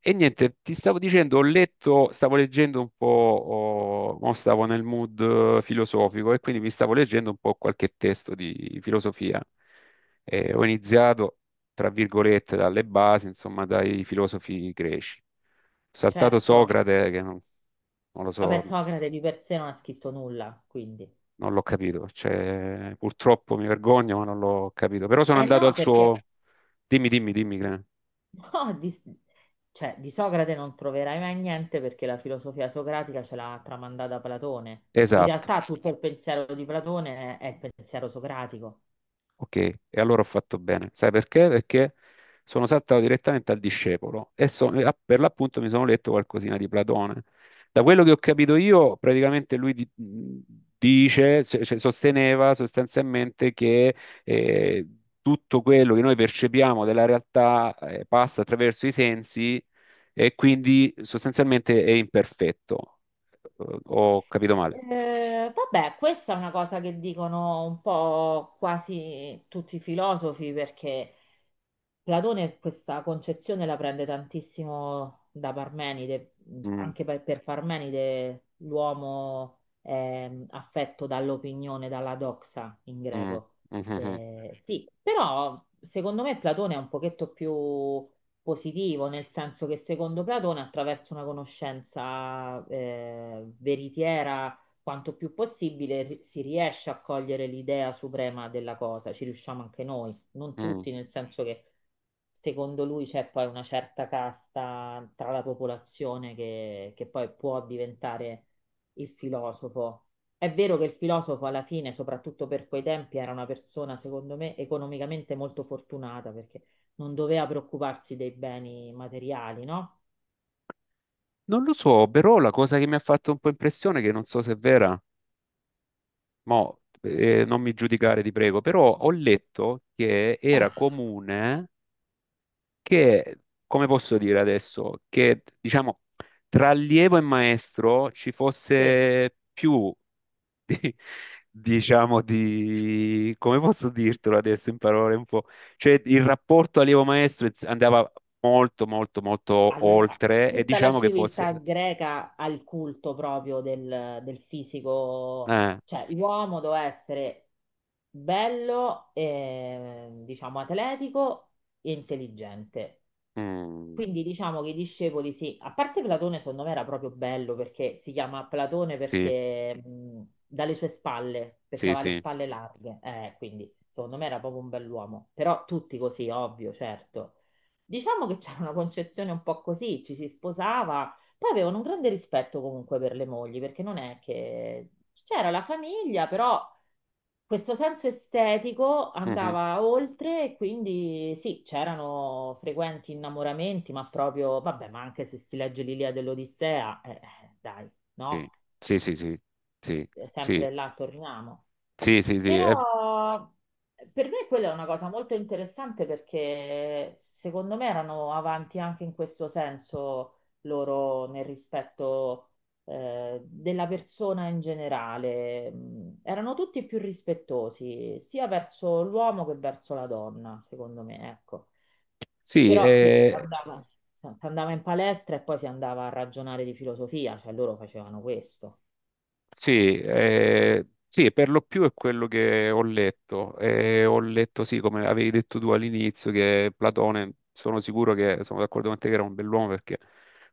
E niente, ti stavo dicendo, ho letto, stavo leggendo un po', oh, mo stavo nel mood filosofico e quindi mi stavo leggendo un po' qualche testo di filosofia. E ho iniziato, tra virgolette, dalle basi, insomma, dai filosofi greci. Ho saltato Certo, Socrate, che non, non lo vabbè, so, Socrate di per sé non ha scritto nulla, quindi. non l'ho capito. Cioè, purtroppo mi vergogno, ma non l'ho capito. Però sono Eh andato no, al perché suo. Dimmi, dimmi, dimmi. Clem. no, di, cioè, di Socrate non troverai mai niente perché la filosofia socratica ce l'ha tramandata Platone. In Esatto. realtà tutto il pensiero di Platone è il pensiero socratico. Ok, e allora ho fatto bene. Sai perché? Perché sono saltato direttamente al discepolo per l'appunto mi sono letto qualcosina di Platone. Da quello che ho capito io, praticamente dice, cioè sosteneva sostanzialmente che eh, tutto quello che noi percepiamo della realtà passa attraverso i sensi e quindi sostanzialmente è imperfetto. Ho capito male. Vabbè, questa è una cosa che dicono un po' quasi tutti i filosofi perché Platone questa concezione la prende tantissimo da Parmenide, Mm, anche per Parmenide l'uomo è affetto dall'opinione, dalla doxa in mm, greco. mm, mm, mm. Sì, però secondo me Platone è un pochetto più positivo, nel senso che secondo Platone attraverso una conoscenza veritiera quanto più possibile si riesce a cogliere l'idea suprema della cosa, ci riusciamo anche noi non mm. tutti, nel senso che secondo lui c'è poi una certa casta tra la popolazione che poi può diventare il filosofo. È vero che il filosofo alla fine, soprattutto per quei tempi, era una persona, secondo me, economicamente molto fortunata perché non doveva preoccuparsi dei beni materiali, no? Non lo so, però la cosa che mi ha fatto un po' impressione, che non so se è vera, mo, non mi giudicare ti prego, però ho letto che Eh, era comune che, come posso dire adesso, che diciamo tra allievo e maestro ci sì. fosse più, di- diciamo, di, come posso dirtelo adesso in parole un po', cioè il rapporto allievo-maestro andava molto, molto, molto Allora, oltre e tutta la diciamo che civiltà fosse... greca ha il culto proprio del fisico, eh, cioè l'uomo doveva essere bello, diciamo atletico e intelligente. mm, Quindi diciamo che i discepoli sì, a parte Platone secondo me era proprio bello perché si chiama Platone sì. perché dalle sue spalle, perché Sì, aveva le sì. spalle larghe, quindi secondo me era proprio un bell'uomo, però tutti così, ovvio, certo. Diciamo che c'era una concezione un po' così, ci si sposava, poi avevano un grande rispetto comunque per le mogli, perché non è che c'era la famiglia, però questo senso estetico Mhm. andava oltre, e quindi sì, c'erano frequenti innamoramenti, ma proprio, vabbè, ma anche se si legge l'Ilia dell'Odissea, dai, no? Sì, sì, sì, sì, sì, sì, Sempre là torniamo. sì, sì, sì, Però per me quella è una cosa molto interessante perché secondo me erano avanti anche in questo senso loro nel rispetto della persona in generale. Mm, erano tutti più rispettosi sia verso l'uomo che verso la donna, secondo me, ecco. sì, Però sì, si andava in palestra e poi si andava a ragionare di filosofia, cioè loro facevano questo. sì, sì, per lo più è quello che ho letto. Ho letto, sì, come avevi detto tu all'inizio, che Platone, sono sicuro che sono d'accordo con te che era un bell'uomo perché,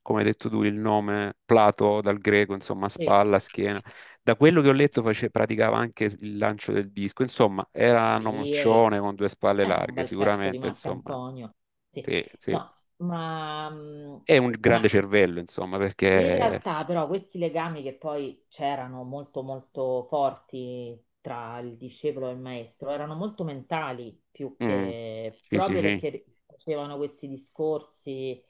come hai detto tu, il nome Plato dal greco, insomma, Sì. spalla, schiena. Da quello che ho Mm. letto praticava anche il lancio del disco, insomma, era un Sì, eh. omaccione con due spalle Un larghe, bel pezzo di sicuramente, insomma, Marcantonio. Sì. sì, sì. No, ma, mm, È un ma grande cervello, insomma, in perché. realtà però questi legami che poi c'erano molto molto forti tra il discepolo e il maestro erano molto mentali più Mm, che sì, sì, proprio sì, perché facevano questi discorsi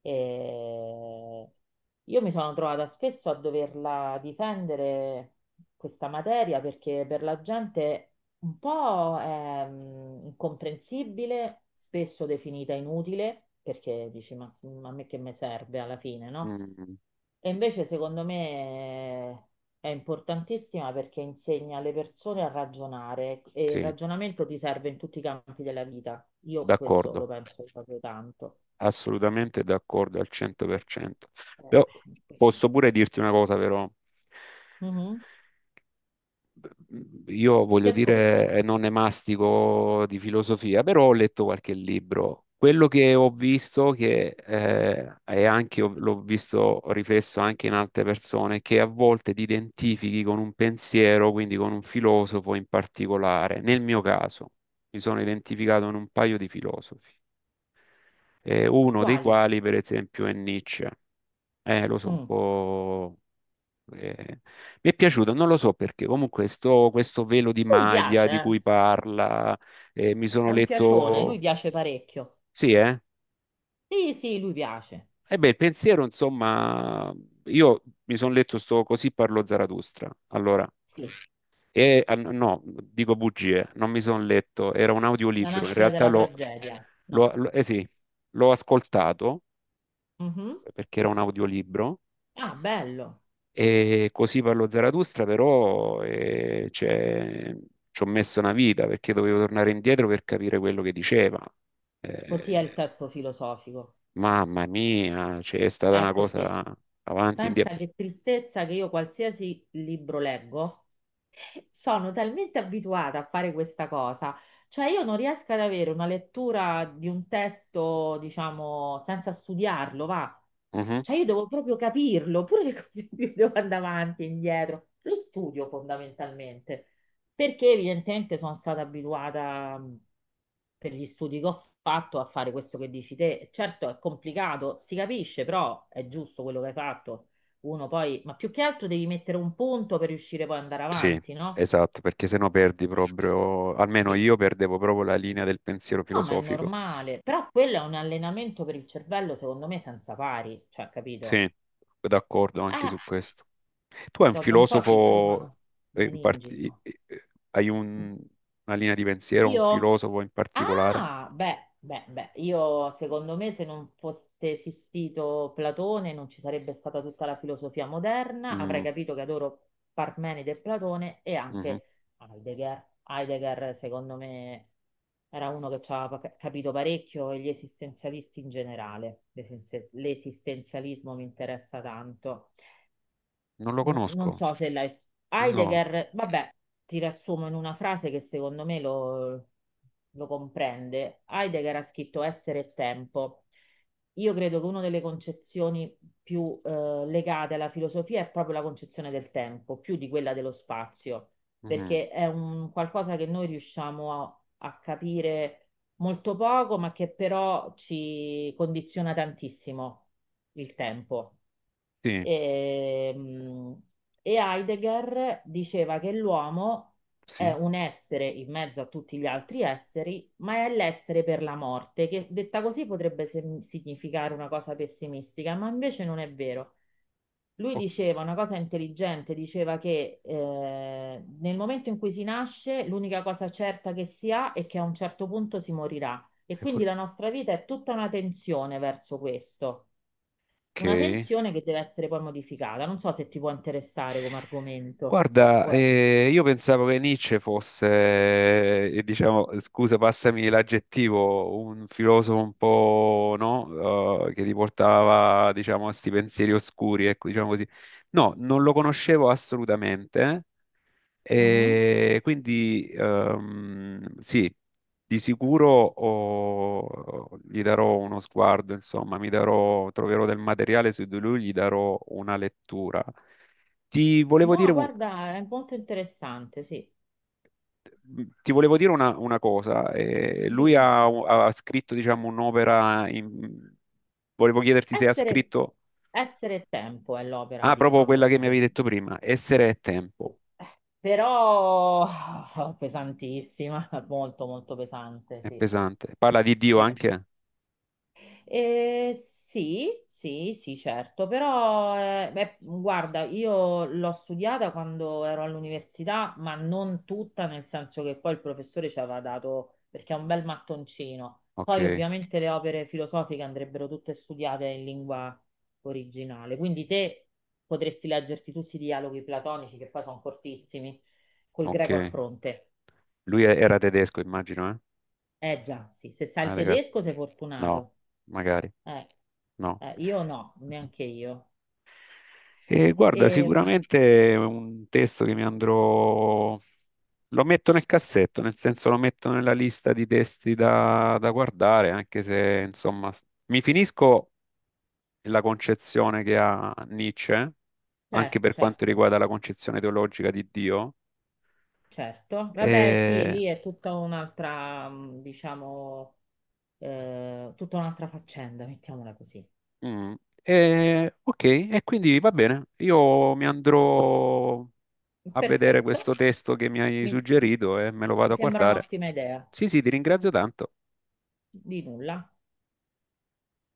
e io mi sono trovata spesso a doverla difendere questa materia perché per la gente un po' è mm, incomprensibile, spesso definita inutile perché dici ma a me che mi serve alla fine, no? mm, E invece secondo me è importantissima perché insegna alle persone a ragionare e il sì, ragionamento ti serve in tutti i campi della vita. Io questo lo d'accordo, penso proprio tanto. assolutamente d'accordo al E- 100%. eh, Però quindi- posso pure dirti una cosa, però. Mhm. Io Ti voglio ascolto. dire, non ne mastico di filosofia, però ho letto qualche libro. Quello che ho visto, che è anche, l'ho visto riflesso anche in altre persone, che a volte ti identifichi con un pensiero, quindi con un filosofo in particolare. Nel mio caso, mi sono identificato in un paio di filosofi, uno dei Quali? quali, per esempio, è Nietzsche. Lo so, un Mm. po'. Eh, mi è piaciuto, non lo so perché, comunque sto, questo velo di Lui piace, maglia di eh. cui parla, mi È sono un piacione, lui letto, piace parecchio. sì, eh? Sì, sì, lui piace. E beh, il pensiero, insomma, io mi sono letto sto Così parlò Zarathustra, allora, Sì, e ah, no, dico bugie, non mi sono letto, era un la audiolibro, in nascita realtà della tragedia. No. Eh sì, l'ho ascoltato Mhm. perché era un audiolibro. Ah, bello. E così parlo Zarathustra, però cioè, ci ho messo una vita perché dovevo tornare indietro per capire quello che diceva. Così è il Eh, testo filosofico. mamma mia, cioè, è stata È una così. cosa avanti, Pensa indietro. che tristezza che io qualsiasi libro leggo, sono talmente abituata a fare questa cosa, cioè io non riesco ad avere una lettura di un testo, diciamo, senza studiarlo, va. Mhm, Cioè io devo proprio capirlo, pure le cose più devo andare avanti e indietro. Lo studio fondamentalmente, perché evidentemente sono stata abituata per gli studi che ho fatto a fare questo che dici te. Certo è complicato, si capisce, però è giusto quello che hai fatto uno poi, ma più che altro devi mettere un punto per riuscire poi ad andare Sì, avanti, no? esatto, perché sennò perdi Eh, proprio, almeno sì. io perdevo proprio la linea del pensiero No, ma è filosofico. normale. Però quello è un allenamento per il cervello, secondo me, senza pari, cioè, capito? Sì, d'accordo anche Eh, su questo. Tu hai un dopo un po' ti filosofo, fumano i in meningi. parti- hai un- una linea di pensiero, un Io? filosofo in particolare? Ah, beh, beh, beh, io secondo me se non fosse esistito Platone non ci sarebbe stata tutta la filosofia moderna, avrei Mm, capito che adoro Parmenide e Platone e mhm. anche Heidegger. Heidegger secondo me era uno che ci ha capito parecchio e gli esistenzialisti in generale. L'esistenzialismo mi interessa tanto, Non lo non conosco. so se l'hai... No. Heidegger, vabbè, ti riassumo in una frase che secondo me lo comprende. Heidegger ha scritto Essere e tempo. Io credo che una delle concezioni più legate alla filosofia è proprio la concezione del tempo, più di quella dello spazio, Mm, perché è un qualcosa che noi riusciamo a capire molto poco, ma che però ci condiziona tantissimo il tempo. sì, Ehm, E Heidegger diceva che l'uomo è sì. un essere in mezzo a tutti gli altri esseri, ma è l'essere per la morte, che detta così potrebbe significare una cosa pessimistica, ma invece non è vero. Lui Ok. diceva una cosa intelligente, diceva che nel momento in cui si nasce, l'unica cosa certa che si ha è che a un certo punto si morirà. E quindi pure- la nostra vita è tutta una tensione verso questo. Una ok. tensione che deve essere poi modificata. Non so se ti può interessare come argomento. Guarda, o è- io pensavo che Nietzsche fosse, diciamo, scusa, passami l'aggettivo, un filosofo un po', no? Che ti portava, diciamo, a sti pensieri oscuri, ecco, diciamo così. No, non lo conoscevo assolutamente, Mhm. E quindi sì, di sicuro oh, gli darò uno sguardo, insomma, mi darò, troverò del materiale su di lui, gli darò una lettura. Ti volevo dire No, un- guarda, è molto interessante, sì. ti volevo dire una cosa. Lui Dimmi. Ha scritto, diciamo, un'opera. Volevo chiederti se ha Essere, scritto. essere e tempo è l'opera, Ah, proprio diciamo, quella di che mi avevi Heidi. detto prima. Essere e tempo. Però pesantissima, molto molto pesante, È sì. pesante. Parla di Dio Sì. anche? Sì, sì, sì, certo, però beh, guarda, io l'ho studiata quando ero all'università, ma non tutta, nel senso che poi il professore ci aveva dato, perché è un bel mattoncino. Ok, Poi ovviamente le opere filosofiche andrebbero tutte studiate in lingua originale, quindi te potresti leggerti tutti i dialoghi platonici, che poi sono cortissimi, col greco a ok. fronte. Lui era tedesco, immagino, eh? Eh già, sì, se sai il Heidegger. tedesco sei No, fortunato. magari. Eh, No. Io no, neanche io. E guarda, E, sicuramente è un testo che mi andrò. Lo metto nel cassetto, nel senso lo metto nella lista di testi da guardare, anche se, insomma, mi finisco la concezione che ha Nietzsche, anche certo, per quanto certo, riguarda la concezione teologica di Dio. certo. Vabbè, sì, E, lì è tutta un'altra, mm, diciamo, tutta un'altra faccenda, mettiamola così. mm, ok, e quindi va bene, io mi andrò a vedere Perfetto, questo testo che mi hai suggerito e me lo mi vado a sembra guardare. un'ottima idea. Sì, sì, ti ringrazio tanto. Di nulla.